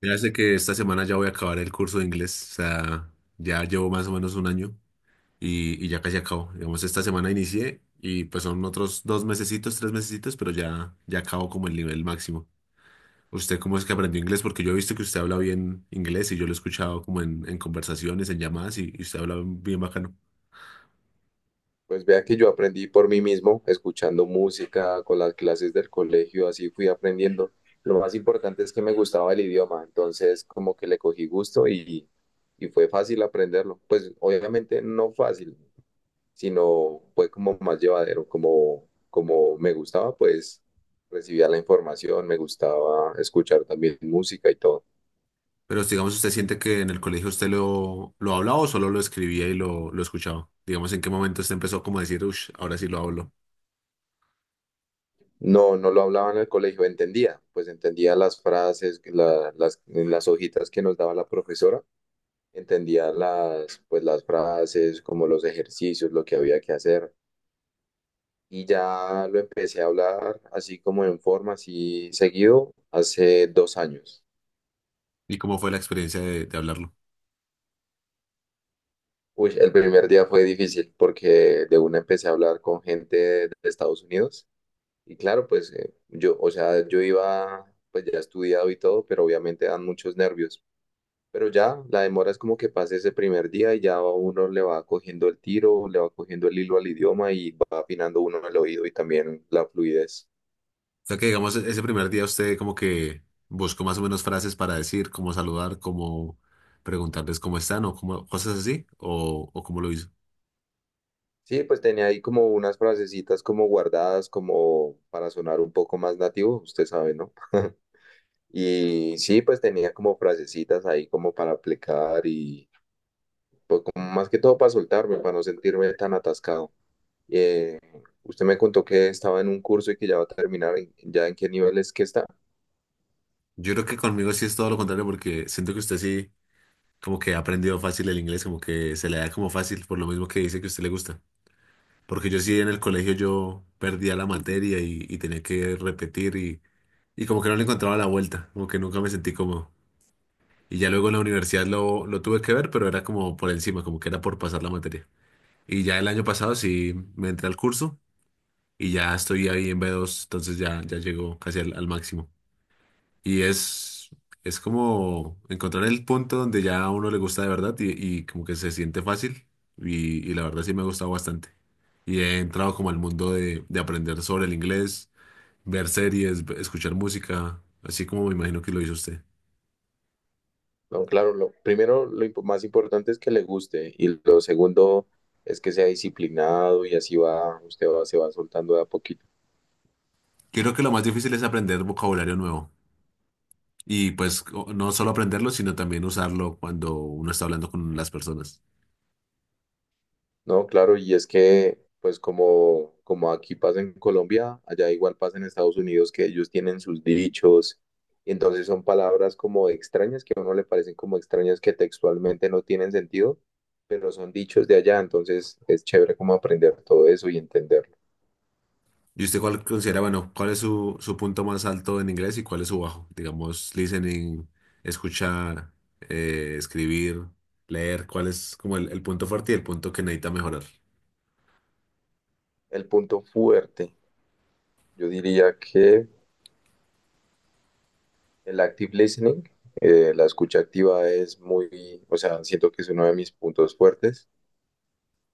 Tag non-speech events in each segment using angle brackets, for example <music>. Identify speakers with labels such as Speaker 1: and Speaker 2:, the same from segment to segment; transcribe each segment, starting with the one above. Speaker 1: Ya sé que esta semana ya voy a acabar el curso de inglés, o sea, ya llevo más o menos un año y ya casi acabo. Digamos, esta semana inicié y pues son otros dos mesecitos, tres mesecitos, pero ya acabo como el nivel máximo. ¿Usted cómo es que aprendió inglés? Porque yo he visto que usted habla bien inglés y yo lo he escuchado como en, conversaciones, en llamadas y usted habla bien bacano.
Speaker 2: Pues vea que yo aprendí por mí mismo, escuchando música, con las clases del colegio, así fui aprendiendo. Lo más importante es que me gustaba el idioma, entonces como que le cogí gusto y fue fácil aprenderlo. Pues obviamente no fácil, sino fue como más llevadero, como me gustaba, pues recibía la información, me gustaba escuchar también música y todo.
Speaker 1: Pero digamos, ¿usted siente que en el colegio usted lo hablaba o solo lo escribía y lo escuchaba? Digamos, ¿en qué momento usted empezó como a decir, uff, ahora sí lo hablo?
Speaker 2: No, no lo hablaba en el colegio, entendía, pues entendía las frases, las hojitas que nos daba la profesora, entendía las, pues, las frases, como los ejercicios, lo que había que hacer. Y ya lo empecé a hablar así como en forma, así seguido, hace 2 años.
Speaker 1: ¿Y cómo fue la experiencia de hablarlo?
Speaker 2: Uy, el primer día fue difícil porque de una empecé a hablar con gente de Estados Unidos. Y claro, pues yo, o sea, yo iba, pues ya estudiado y todo, pero obviamente dan muchos nervios. Pero ya, la demora es como que pase ese primer día y ya uno le va cogiendo el tiro, le va cogiendo el hilo al idioma y va afinando uno el oído y también la fluidez.
Speaker 1: O sea que digamos, ese primer día usted como que buscó más o menos frases para decir, cómo saludar, cómo preguntarles cómo están o cómo, cosas así, o cómo lo hizo.
Speaker 2: Sí, pues tenía ahí como unas frasecitas como guardadas como para sonar un poco más nativo, usted sabe, ¿no? <laughs> Y sí, pues tenía como frasecitas ahí como para aplicar y pues como más que todo para soltarme, para no sentirme tan atascado. Usted me contó que estaba en un curso y que ya va a terminar, ¿ya en qué niveles que está?
Speaker 1: Yo creo que conmigo sí es todo lo contrario porque siento que usted sí como que ha aprendido fácil el inglés, como que se le da como fácil por lo mismo que dice que a usted le gusta. Porque yo sí en el colegio yo perdía la materia y tenía que repetir y como que no le encontraba la vuelta, como que nunca me sentí cómodo. Y ya luego en la universidad lo tuve que ver, pero era como por encima, como que era por pasar la materia. Y ya el año pasado sí me entré al curso y ya estoy ahí en B2, entonces ya llego casi al máximo. Y es como encontrar el punto donde ya a uno le gusta de verdad y como que se siente fácil y la verdad sí me ha gustado bastante. Y he entrado como al mundo de aprender sobre el inglés, ver series, escuchar música, así como me imagino que lo hizo usted.
Speaker 2: No, claro, lo, primero lo impo- más importante, es que le guste, y lo segundo es que sea disciplinado y así va, usted va, se va soltando de a poquito.
Speaker 1: Creo que lo más difícil es aprender vocabulario nuevo y pues no solo aprenderlo, sino también usarlo cuando uno está hablando con las personas.
Speaker 2: No, claro, y es que pues como, como aquí pasa en Colombia, allá igual pasa en Estados Unidos, que ellos tienen sus dichos, y entonces son palabras como extrañas, que a uno le parecen como extrañas, que textualmente no tienen sentido, pero son dichos de allá. Entonces es chévere como aprender todo eso y entenderlo.
Speaker 1: ¿Y usted cuál considera, bueno, cuál es su, punto más alto en inglés y cuál es su bajo? Digamos, listening, escuchar, escribir, leer, ¿cuál es como el punto fuerte y el punto que necesita mejorar?
Speaker 2: El punto fuerte, yo diría que... el active listening, la escucha activa, es muy, o sea, siento que es uno de mis puntos fuertes.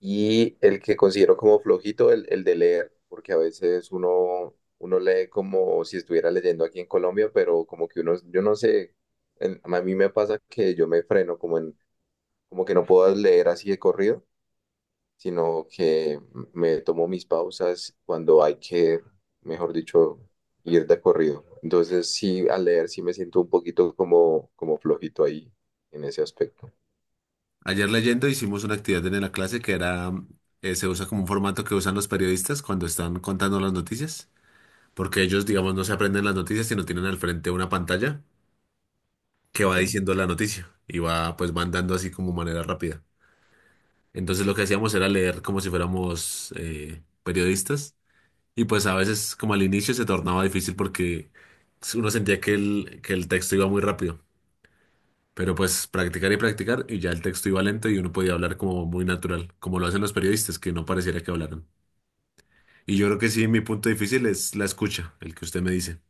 Speaker 2: Y el que considero como flojito, el de leer, porque a veces uno lee como si estuviera leyendo aquí en Colombia, pero como que uno, yo no sé, a mí me pasa que yo me freno como que no puedo leer así de corrido, sino que me tomo mis pausas cuando hay que, mejor dicho, ir de corrido. Entonces, sí, al leer sí me siento un poquito como, como flojito ahí en ese aspecto.
Speaker 1: Ayer leyendo hicimos una actividad en la clase que era, se usa como un formato que usan los periodistas cuando están contando las noticias, porque ellos, digamos, no se aprenden las noticias, sino tienen al frente una pantalla que va
Speaker 2: Ujú.
Speaker 1: diciendo la noticia y va, pues, van dando así como manera rápida. Entonces lo que hacíamos era leer como si fuéramos periodistas y pues a veces como al inicio se tornaba difícil porque uno sentía que el, texto iba muy rápido, pero pues practicar y practicar y ya el texto iba lento y uno podía hablar como muy natural, como lo hacen los periodistas, que no pareciera que hablaran. Y yo creo que sí, mi punto difícil es la escucha, el que usted me dice,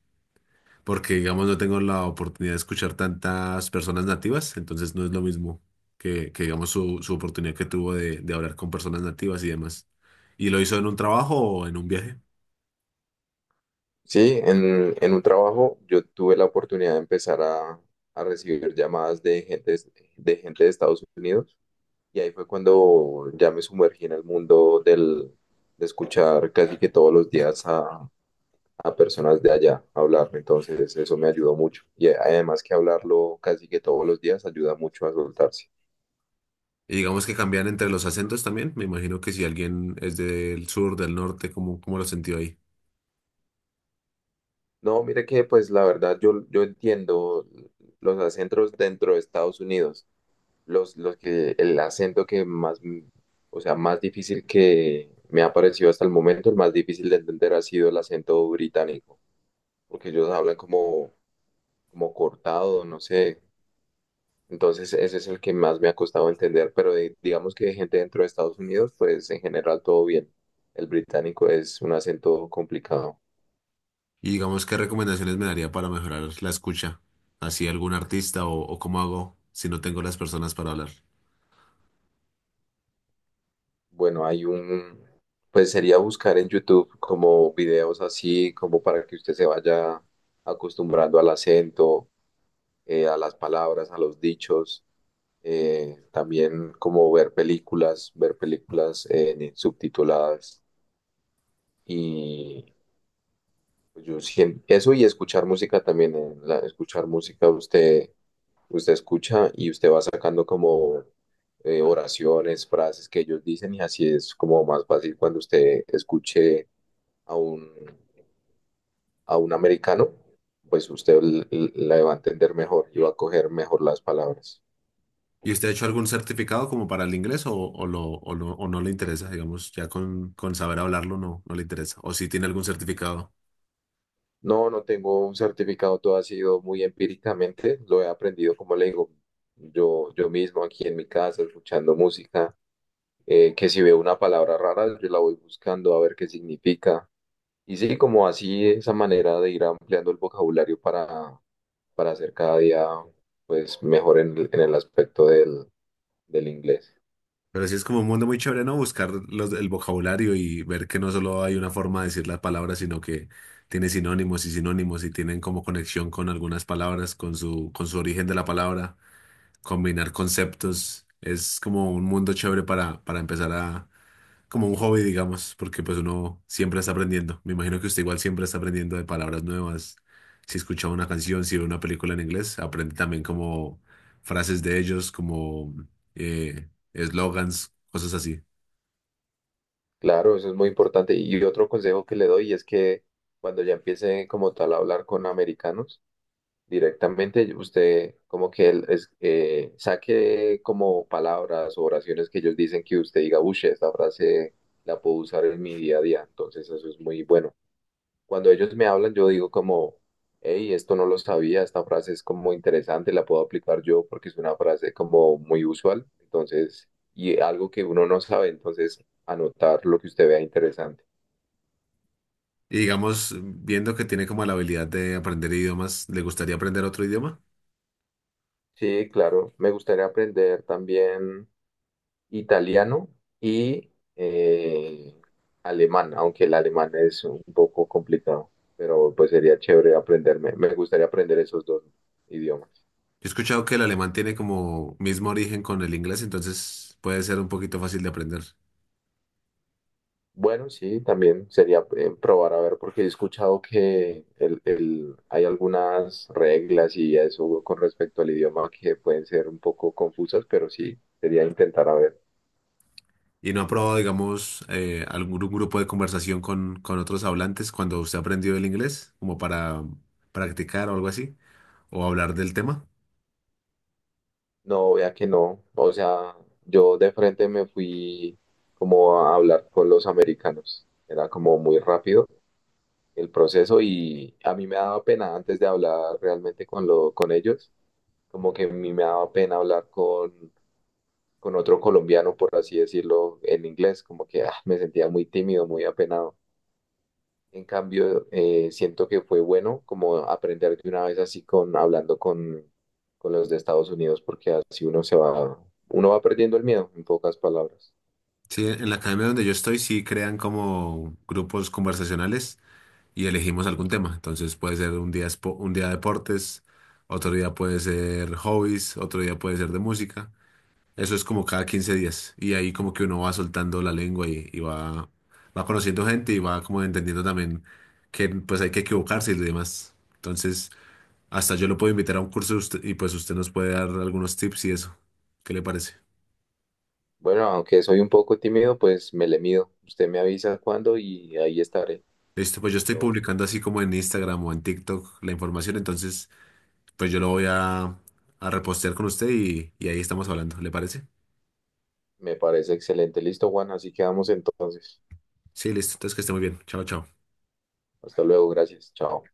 Speaker 1: porque digamos no tengo la oportunidad de escuchar tantas personas nativas, entonces no es lo mismo que, digamos su oportunidad que tuvo de hablar con personas nativas y demás. ¿Y lo hizo en un trabajo o en un viaje?
Speaker 2: Sí, en un trabajo yo tuve la oportunidad de empezar a recibir llamadas de gente, de gente de Estados Unidos, y ahí fue cuando ya me sumergí en el mundo de escuchar casi que todos los días a personas de allá a hablar. Entonces eso me ayudó mucho. Y además que hablarlo casi que todos los días ayuda mucho a soltarse.
Speaker 1: Y digamos que cambian entre los acentos también, me imagino que si alguien es del sur, del norte, ¿cómo lo sintió ahí?
Speaker 2: No, mire que pues la verdad yo entiendo los acentos dentro de Estados Unidos. El acento que más, o sea, más difícil que me ha parecido hasta el momento, el más difícil de entender, ha sido el acento británico, porque ellos hablan como, como cortado, no sé. Entonces, ese es el que más me ha costado entender, pero digamos que de gente dentro de Estados Unidos, pues en general todo bien. El británico es un acento complicado.
Speaker 1: Y digamos, ¿qué recomendaciones me daría para mejorar la escucha? ¿Así algún artista o cómo hago si no tengo las personas para hablar?
Speaker 2: Bueno, hay un, pues sería buscar en YouTube como videos así, como para que usted se vaya acostumbrando al acento, a las palabras, a los dichos. También como ver películas subtituladas, pues. Yo sien- eso y escuchar música también. Escuchar música, usted escucha y usted va sacando como oraciones, frases que ellos dicen, y así es como más fácil. Cuando usted escuche a un, a un americano, pues usted la va a entender mejor y va a coger mejor las palabras.
Speaker 1: ¿Y usted ha hecho algún certificado como para el inglés o no le interesa? Digamos, ya con saber hablarlo no, no le interesa. O si tiene algún certificado.
Speaker 2: No, no tengo un certificado, todo ha sido muy empíricamente, lo he aprendido, como le digo, yo mismo aquí en mi casa, escuchando música. Que si veo una palabra rara, yo la voy buscando a ver qué significa. Y sí, como así, esa manera de ir ampliando el vocabulario para hacer cada día pues mejor en el aspecto del inglés.
Speaker 1: Pero sí es como un mundo muy chévere, ¿no? Buscar el vocabulario y ver que no solo hay una forma de decir las palabras, sino que tiene sinónimos y sinónimos y tienen como conexión con algunas palabras, con su, origen de la palabra, combinar conceptos. Es como un mundo chévere para empezar a como un hobby, digamos, porque pues uno siempre está aprendiendo. Me imagino que usted igual siempre está aprendiendo de palabras nuevas. Si escucha una canción, si ve una película en inglés, aprende también como frases de ellos, como eslogans, cosas así.
Speaker 2: Claro, eso es muy importante. Y otro consejo que le doy es que cuando ya empiece como tal a hablar con americanos, directamente usted como que él es, saque como palabras o oraciones que ellos dicen, que usted diga, uy, esta frase la puedo usar en mi día a día, entonces eso es muy bueno. Cuando ellos me hablan, yo digo como, hey, esto no lo sabía, esta frase es como interesante, la puedo aplicar yo porque es una frase como muy usual, entonces, y algo que uno no sabe, entonces anotar lo que usted vea interesante.
Speaker 1: Y digamos, viendo que tiene como la habilidad de aprender idiomas, ¿le gustaría aprender otro idioma?
Speaker 2: Sí, claro, me gustaría aprender también italiano y alemán, aunque el alemán es un poco complicado, pero pues sería chévere aprenderme. Me gustaría aprender esos dos idiomas.
Speaker 1: Yo he escuchado que el alemán tiene como mismo origen con el inglés, entonces puede ser un poquito fácil de aprender.
Speaker 2: Bueno, sí, también sería probar a ver, porque he escuchado que hay algunas reglas y eso con respecto al idioma que pueden ser un poco confusas, pero sí, sería intentar a ver.
Speaker 1: ¿Y no ha probado, digamos, algún grupo de conversación con, otros hablantes cuando usted aprendió el inglés, como para practicar o algo así, o hablar del tema?
Speaker 2: No, vea que no. O sea, yo de frente me fui como a hablar con los americanos. Era como muy rápido el proceso y a mí me daba pena antes de hablar realmente con ellos. Como que a mí me daba pena hablar con otro colombiano, por así decirlo, en inglés. Como que ah, me sentía muy tímido, muy apenado. En cambio, siento que fue bueno como aprender de una vez así con hablando con los de Estados Unidos, porque así uno va perdiendo el miedo, en pocas palabras.
Speaker 1: Sí, en la academia donde yo estoy sí crean como grupos conversacionales y elegimos algún tema. Entonces puede ser un día, un día deportes, otro día puede ser hobbies, otro día puede ser de música. Eso es como cada 15 días y ahí como que uno va soltando la lengua y va, conociendo gente y va como entendiendo también que pues hay que equivocarse y demás. Entonces, hasta yo lo puedo invitar a un curso de y pues usted nos puede dar algunos tips y eso. ¿Qué le parece?
Speaker 2: Bueno, aunque soy un poco tímido, pues me le mido. Usted me avisa cuándo y ahí estaré.
Speaker 1: Listo, pues yo estoy
Speaker 2: Ok.
Speaker 1: publicando así como en Instagram o en TikTok la información, entonces pues yo lo voy a, repostear con usted y ahí estamos hablando. ¿Le parece?
Speaker 2: Me parece excelente. Listo, Juan, así quedamos entonces.
Speaker 1: Sí, listo. Entonces que esté muy bien. Chao, chao.
Speaker 2: Hasta luego, gracias. Chao.